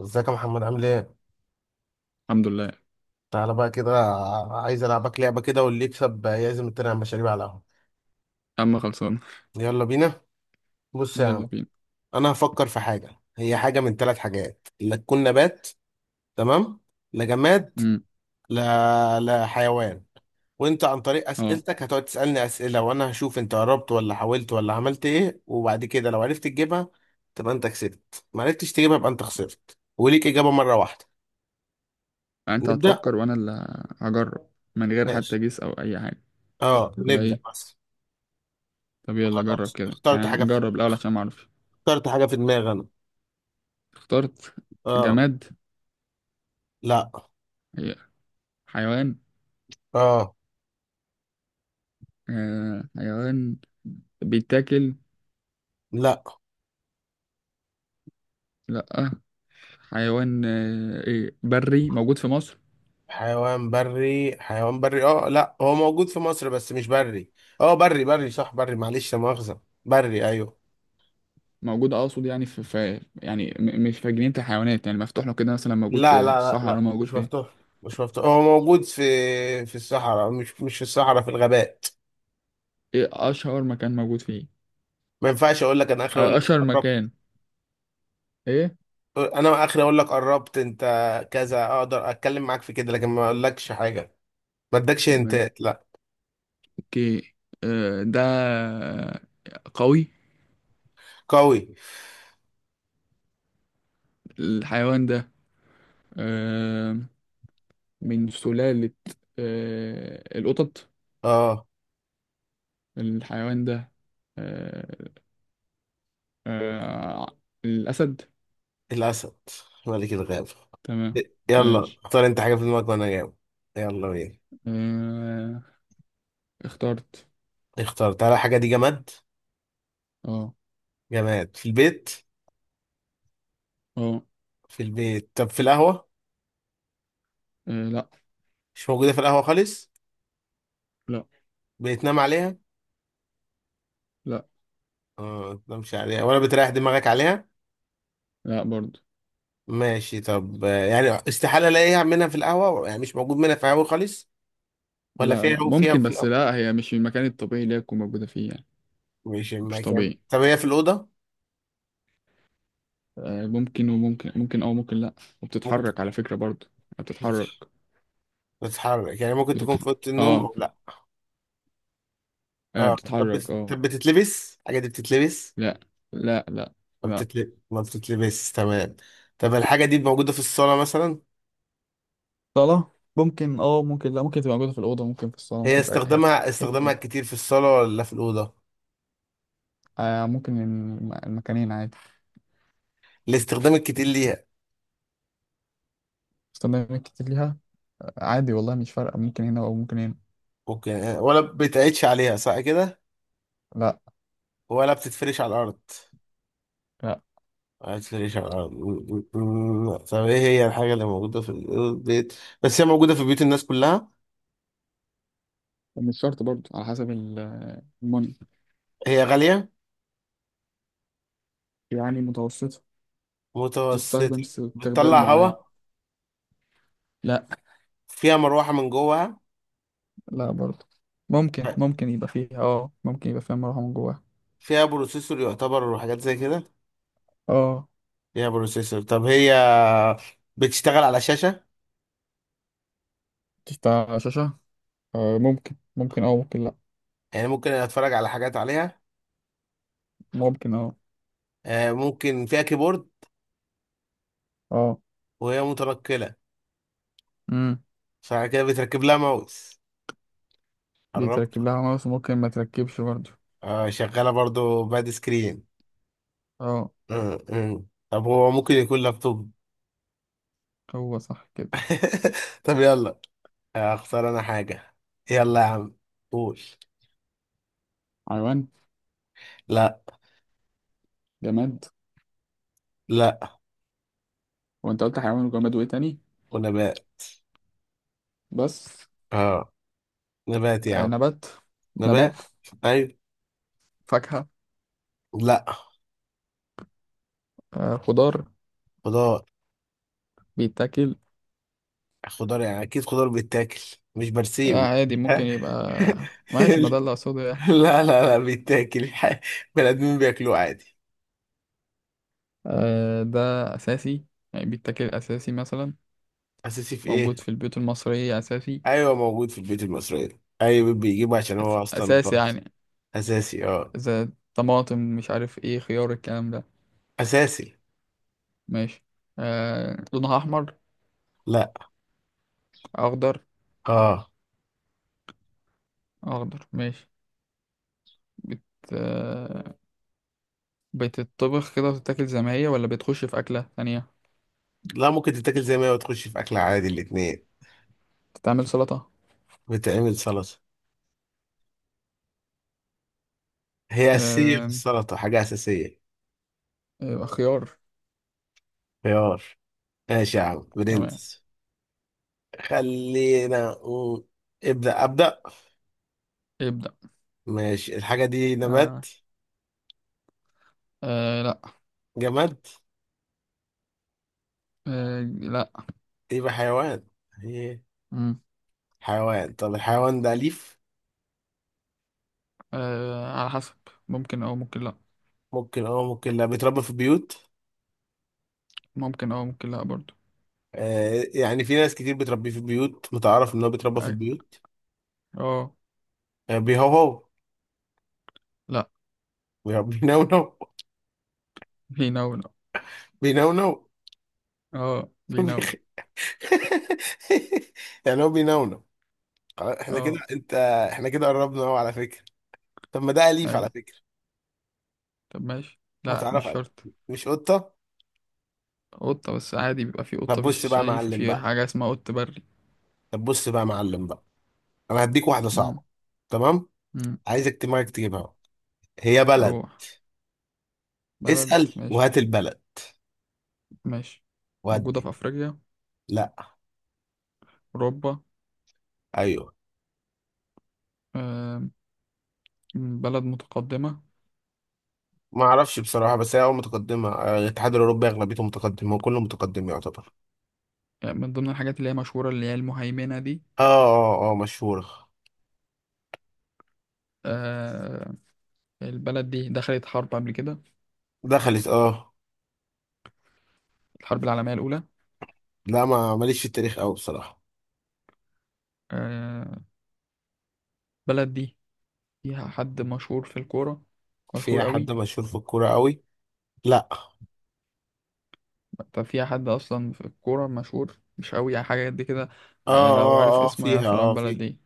ازيك يا محمد عامل ايه؟ الحمد لله يا تعالى بقى كده. عايز العبك لعبة كده واللي يكسب يعزم التاني على المشاريب على القهوة. عم خلصان. يلا بينا. بص يا يلا عم. بينا. انا هفكر في حاجة. هي حاجة من ثلاث حاجات، لا تكون نبات، تمام، لا جماد، امم. لا لا حيوان. وانت عن طريق اه، اسئلتك هتقعد تسألني اسئلة، وانا هشوف انت قربت ولا حاولت ولا عملت ايه، وبعد كده لو عرفت تجيبها تبقى انت كسبت، ما عرفتش تجيبها يبقى انت خسرت، وليك اجابة مرة واحدة. انت نبدأ. هتفكر وانا اللي هجرب من غير حتى ماشي، جيس او اي حاجه اه ولا نبدأ ايه؟ بس. طب يلا جرب خلاص كده، نجرب الاول عشان ما اعرفش. اخترت حاجة في دماغي أنا. اخترت. آه. جماد؟ لا. هي حيوان؟ اه. آه حيوان بيتاكل؟ لا. لا. حيوان ايه بري موجود في مصر؟ حيوان بري، لا، هو موجود في مصر بس مش بري. اه، بري، صح، بري، معلش، لا مؤاخذة، بري، ايوه. موجود، اقصد يعني في، يعني مش في جنينة الحيوانات، يعني مفتوح له كده مثلا، موجود في لا لا لا الصحراء لا موجود في. مش مفتوح، هو موجود في الصحراء، مش في الصحراء، في الغابات. ايه اشهر مكان موجود فيه؟ ما ينفعش اقول لك انا اخر، اقول لك اشهر قربت. مكان. ايه؟ انا اخر اقول لك قربت انت. كذا اقدر اتكلم معاك في كده، لكن ما اقولكش حاجة. ما ادكش انت ماشي. لا. اوكي. ده قوي. قوي. الحيوان ده آه، من سلالة القطط. اه. الحيوان ده آه، آه، الأسد. الاسد، ملك الغابة. تمام. يلا ماشي. اختار انت حاجة في دماغك وانا جاوب. يلا بينا. آه، اخترت. اختار تعالى، الحاجة دي جماد. اه. جماد في البيت. اه. في البيت، طب في القهوة. لا مش موجودة في القهوة خالص. لا بتنام عليها. لا اه. ما بتنامش عليها، ولا بتريح دماغك عليها. لا برضو. ماشي. طب يعني استحالة الاقيها منها في القهوة؟ يعني مش موجود منها في القهوة خالص؟ ولا لا. لا، فيها ممكن بس في. لا، هي مش في المكان الطبيعي اللي هي تكون موجودة فيه يعني. مش مش المكان. طبيعي. طب هي في الأوضة. ممكن وممكن، ممكن او ممكن لا. ممكن تكون وبتتحرك على فكرة برضو. بتتحرك. بتتحرك، يعني ممكن تكون بتتح... في أوضة النوم اه. أو لا. اه. طب بتتحرك اه. بتتلبس الحاجة دي؟ بتتلبس؟ لا لا. لا لا. ما بتتلبس، تمام. طب الحاجة دي موجودة في الصالة مثلا؟ صالة ممكن، اه ممكن لا، ممكن تبقى موجودة في الأوضة، ممكن في الصالة، هي ممكن في أي حتة استخدامها، أي حتة. الكتير في الصالة ولا في الأوضة؟ ممكن المكانين عادي. الاستخدام الكتير ليها. استخدامات كتير ليها. عادي والله، مش فارقة، ممكن هنا أو ممكن هنا. ممكن. ولا بتعيدش عليها، صح كده؟ لا. ولا بتتفرش على الأرض؟ لا. ما بتتفرش على الأرض. طب إيه هي الحاجة اللي موجودة في البيت بس هي موجودة في بيوت الناس كلها؟ ومش شرط برضو، على حسب المن، هي غالية؟ يعني متوسطة، تستخدم متوسطة. استخدام بتطلع هوا؟ معين. لا. فيها مروحة من جوه؟ لا برضو. ممكن، ممكن يبقى فيها اه، ممكن يبقى فيها مروحة من جواها. فيها بروسيسور يعتبر، وحاجات زي كده؟ اه. فيها بروسيسور. طب هي بتشتغل على شاشة؟ بتفتح شاشة؟ ممكن، ممكن اه ممكن لا. يعني ممكن اتفرج على حاجات عليها؟ ممكن اه. ممكن فيها كيبورد؟ اه. وهي متنقلة؟ امم فعلى كده بتركب لها ماوس. قربت. بيتركب لها ماوس وممكن ما تركبش برضه. شغالة برضو باد سكرين. اه. آه، آه. طب هو ممكن يكون لابتوب؟ هو صح كده؟ طب يلا، اختار انا حاجة. يلا يا عم، قول. حيوان؟ لا. جماد؟ لا. وانت قلت حيوان وجماد وايه تاني؟ ونبات. بس. اه. نبات يا آه عم. نبات. نبات. نبات. ايوه. فاكهة؟ لا. آه خضار. خضار. بيتاكل؟ خضار، يعني اكيد خضار بيتاكل، مش لا برسيم. عادي، ممكن يبقى. ماشي، ما ده اللي اقصده يعني. لا لا لا، بيتاكل. بني ادمين بياكلوه عادي. آه ده اساسي. يعني بيتاكل اساسي مثلا. اساسي في ايه؟ موجود في البيوت المصرية أساسي. ايوه، موجود في البيوت المصريه، اي بيت بيجيبه عشان هو اصلا اساس، بلاس. يعني اساسي، اه. اذا طماطم، مش عارف ايه، خيار، الكلام ده. اساسي. ماشي. لونها احمر؟ لا. اخضر؟ اه. اخضر ماشي. بت آه بتطبخ كده وتتاكل زي ما هي ولا بتخش في اكله ثانيه؟ لا، ممكن تتاكل زي ما هي وتخش في اكل عادي، الاتنين. بتتعمل سلطه. بتعمل سلطه. هي اساسيه في آه. السلطه، حاجه اساسيه. خيار. خيار. ماشي يا عم تمام. برنس. خلينا نقول- ابدا ابدا. ابدا. ماشي، الحاجه دي نبات؟ آه. لا. جماد؟ لا. إيه، يبقى حيوان. هي. مم. حيوان. طب الحيوان ده أليف؟ على حسب. ممكن او ممكن لا. ممكن اه ممكن لا. بيتربى في البيوت؟ ممكن او ممكن لا برضو. آه، يعني في ناس كتير بتربيه في البيوت، متعرف ان هو بيتربى في اه. البيوت. آه، آه، بيهوهو؟ لا. بينونو؟ بيناول. بينونو. اه بيناول. بيخ- يعني هو بينونو. خلاص، احنا كده، اه. انت. احنا كده قربنا اهو على فكرة. طب ما ده أليف ايوه. على فكرة. طب ماشي، لا متعرف مش عليه. شرط. مش قطة؟ قطة، بس عادي بيبقى في طب قطة مش بص بقى يا شريفة، معلم في بقى، حاجة اسمها قط بري. طب بص بقى يا معلم بقى انا هديك واحدة مم. صعبة، تمام؟ مم. عايزك دماغك تجيبها. هي بلد. روح. بلد اسأل ماشي. وهات البلد. ماشي. موجودة في ودي. أفريقيا؟ لا. أوروبا؟ ايوه. آم، بلد متقدمة؟ ما اعرفش بصراحة، بس هي متقدمة. الاتحاد الاوروبي اغلبيته متقدمة، وكله متقدم يعتبر. يعني من ضمن الحاجات اللي هي مشهورة اللي هي المهيمنة دي. اه، مشهورة. آه، البلد دي دخلت حرب قبل كده؟ دخلت، اه. الحرب العالمية الأولى؟ لا، ما ماليش في التاريخ قوي بصراحة. آه، البلد دي فيها حد مشهور في الكورة؟ مشهور فيها حد قوي؟ مشهور في الكورة قوي؟ لا، اه. طب في حد اصلا في الكوره مشهور مش قوي يعني، حاجه قد كده؟ لو عارف اسمه فيها، يعرف إن هو من البلد فيها. دي.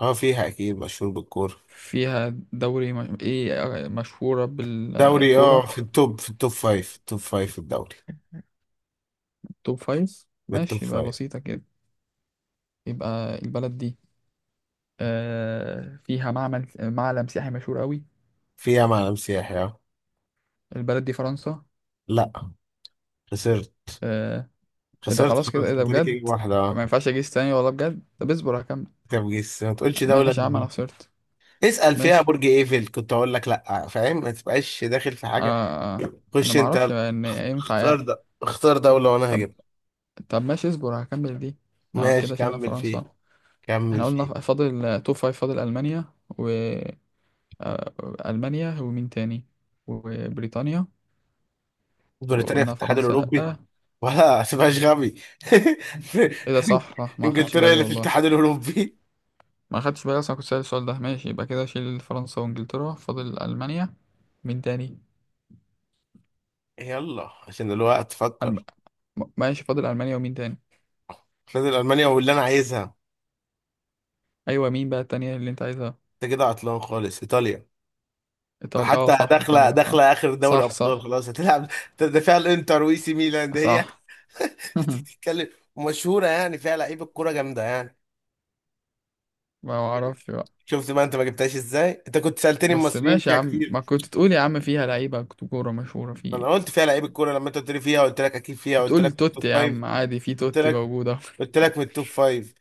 اه، فيها اكيد مشهور بالكورة. فيها دوري ايه. مشهوره دوري، اه، بالكوره. في التوب، في التوب فايف في الدوري. توب فايف؟ من التوب ماشي، يبقى فايف. بسيطه كده. يبقى البلد دي فيها معلم سياحي مشهور قوي. فيها معلم سياحي، اه. البلد دي فرنسا؟ لا. خسرت. آه، إيه ده، خسرت خلاص كده؟ خلاص. ايه ده انت ليك إجابة بجد. واحدة، ما اه. ينفعش اجيس تاني والله بجد، طب اصبر هكمل. طب جيس، ما تقولش دولة ماشي يا عم، انا غيرهم. خسرت. اسأل فيها ماشي. برج ايفل، كنت اقول لك لا، فاهم؟ ما تبقاش داخل في حاجة. آه، انا خش ما اعرفش انت. ان ينفع يعني. اختار دولة وانا طب. هجيب. طب ماشي، اصبر هكمل دي. اه ماشي، كده شلنا كمل فيه. فرنسا. كمل احنا قلنا فيه. فاضل توب فايف، فاضل ألمانيا و آه، ألمانيا ومين تاني؟ وبريطانيا. بريطانيا في وقلنا الاتحاد فرنسا الاوروبي؟ لأ. ولا ما تبقاش غبي. ايه ده، صح صح، ما خدش انجلترا بالي اللي في والله. الاتحاد الاوروبي! ما خدش بالي اصلا، كنت سأل السؤال ده. ماشي يبقى كده، شيل فرنسا وانجلترا، فاضل ألمانيا. مين تاني؟ يلا، عشان الوقت، ألم... فكر. ماشي، فاضل ألمانيا ومين تاني؟ فاضل المانيا واللي انا عايزها. ايوه، مين بقى التانية اللي انت عايزها؟ انت كده عطلان خالص. ايطاليا. ايطاليا، اه حتى صح، ايطاليا صح. داخله اخر دوري صح ابطال، صح خلاص هتلعب. ده فيها الانتر وإي سي ميلان، ده هي. صح. بتتكلم. ومشهوره، يعني فيها لعيبه كوره جامده يعني. ما اعرفش. شفت بقى انت ما جبتهاش ازاي؟ انت كنت سالتني بس المصريين ماشي يا فيها عم، كتير. ما كنت تقول يا عم فيها لعيبة كورة مشهورة في انا ايه. قلت فيها لعيبه كوره لما انت قلت لي فيها، قلت لك اكيد فيها، قلت تقول لك من التوب توتي يا فايف. عم عادي، في قلت توتي لك، موجودة. قلت لك من التوب فايف.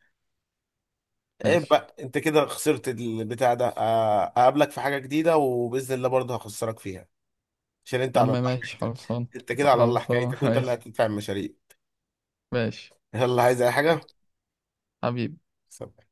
ايه ماشي بقى، انت كده خسرت البتاع ده. اقابلك في حاجه جديده، وباذن الله برضه هخسرك فيها، عشان انت يا عم. على الله ماشي حكايتك. خلصان. انت كده على الله خلصان. حكايتك، وانت اللي ماشي. هتدفع المشاريع. ماشي. يلا، عايز اي حاجه؟ حبيبي. سب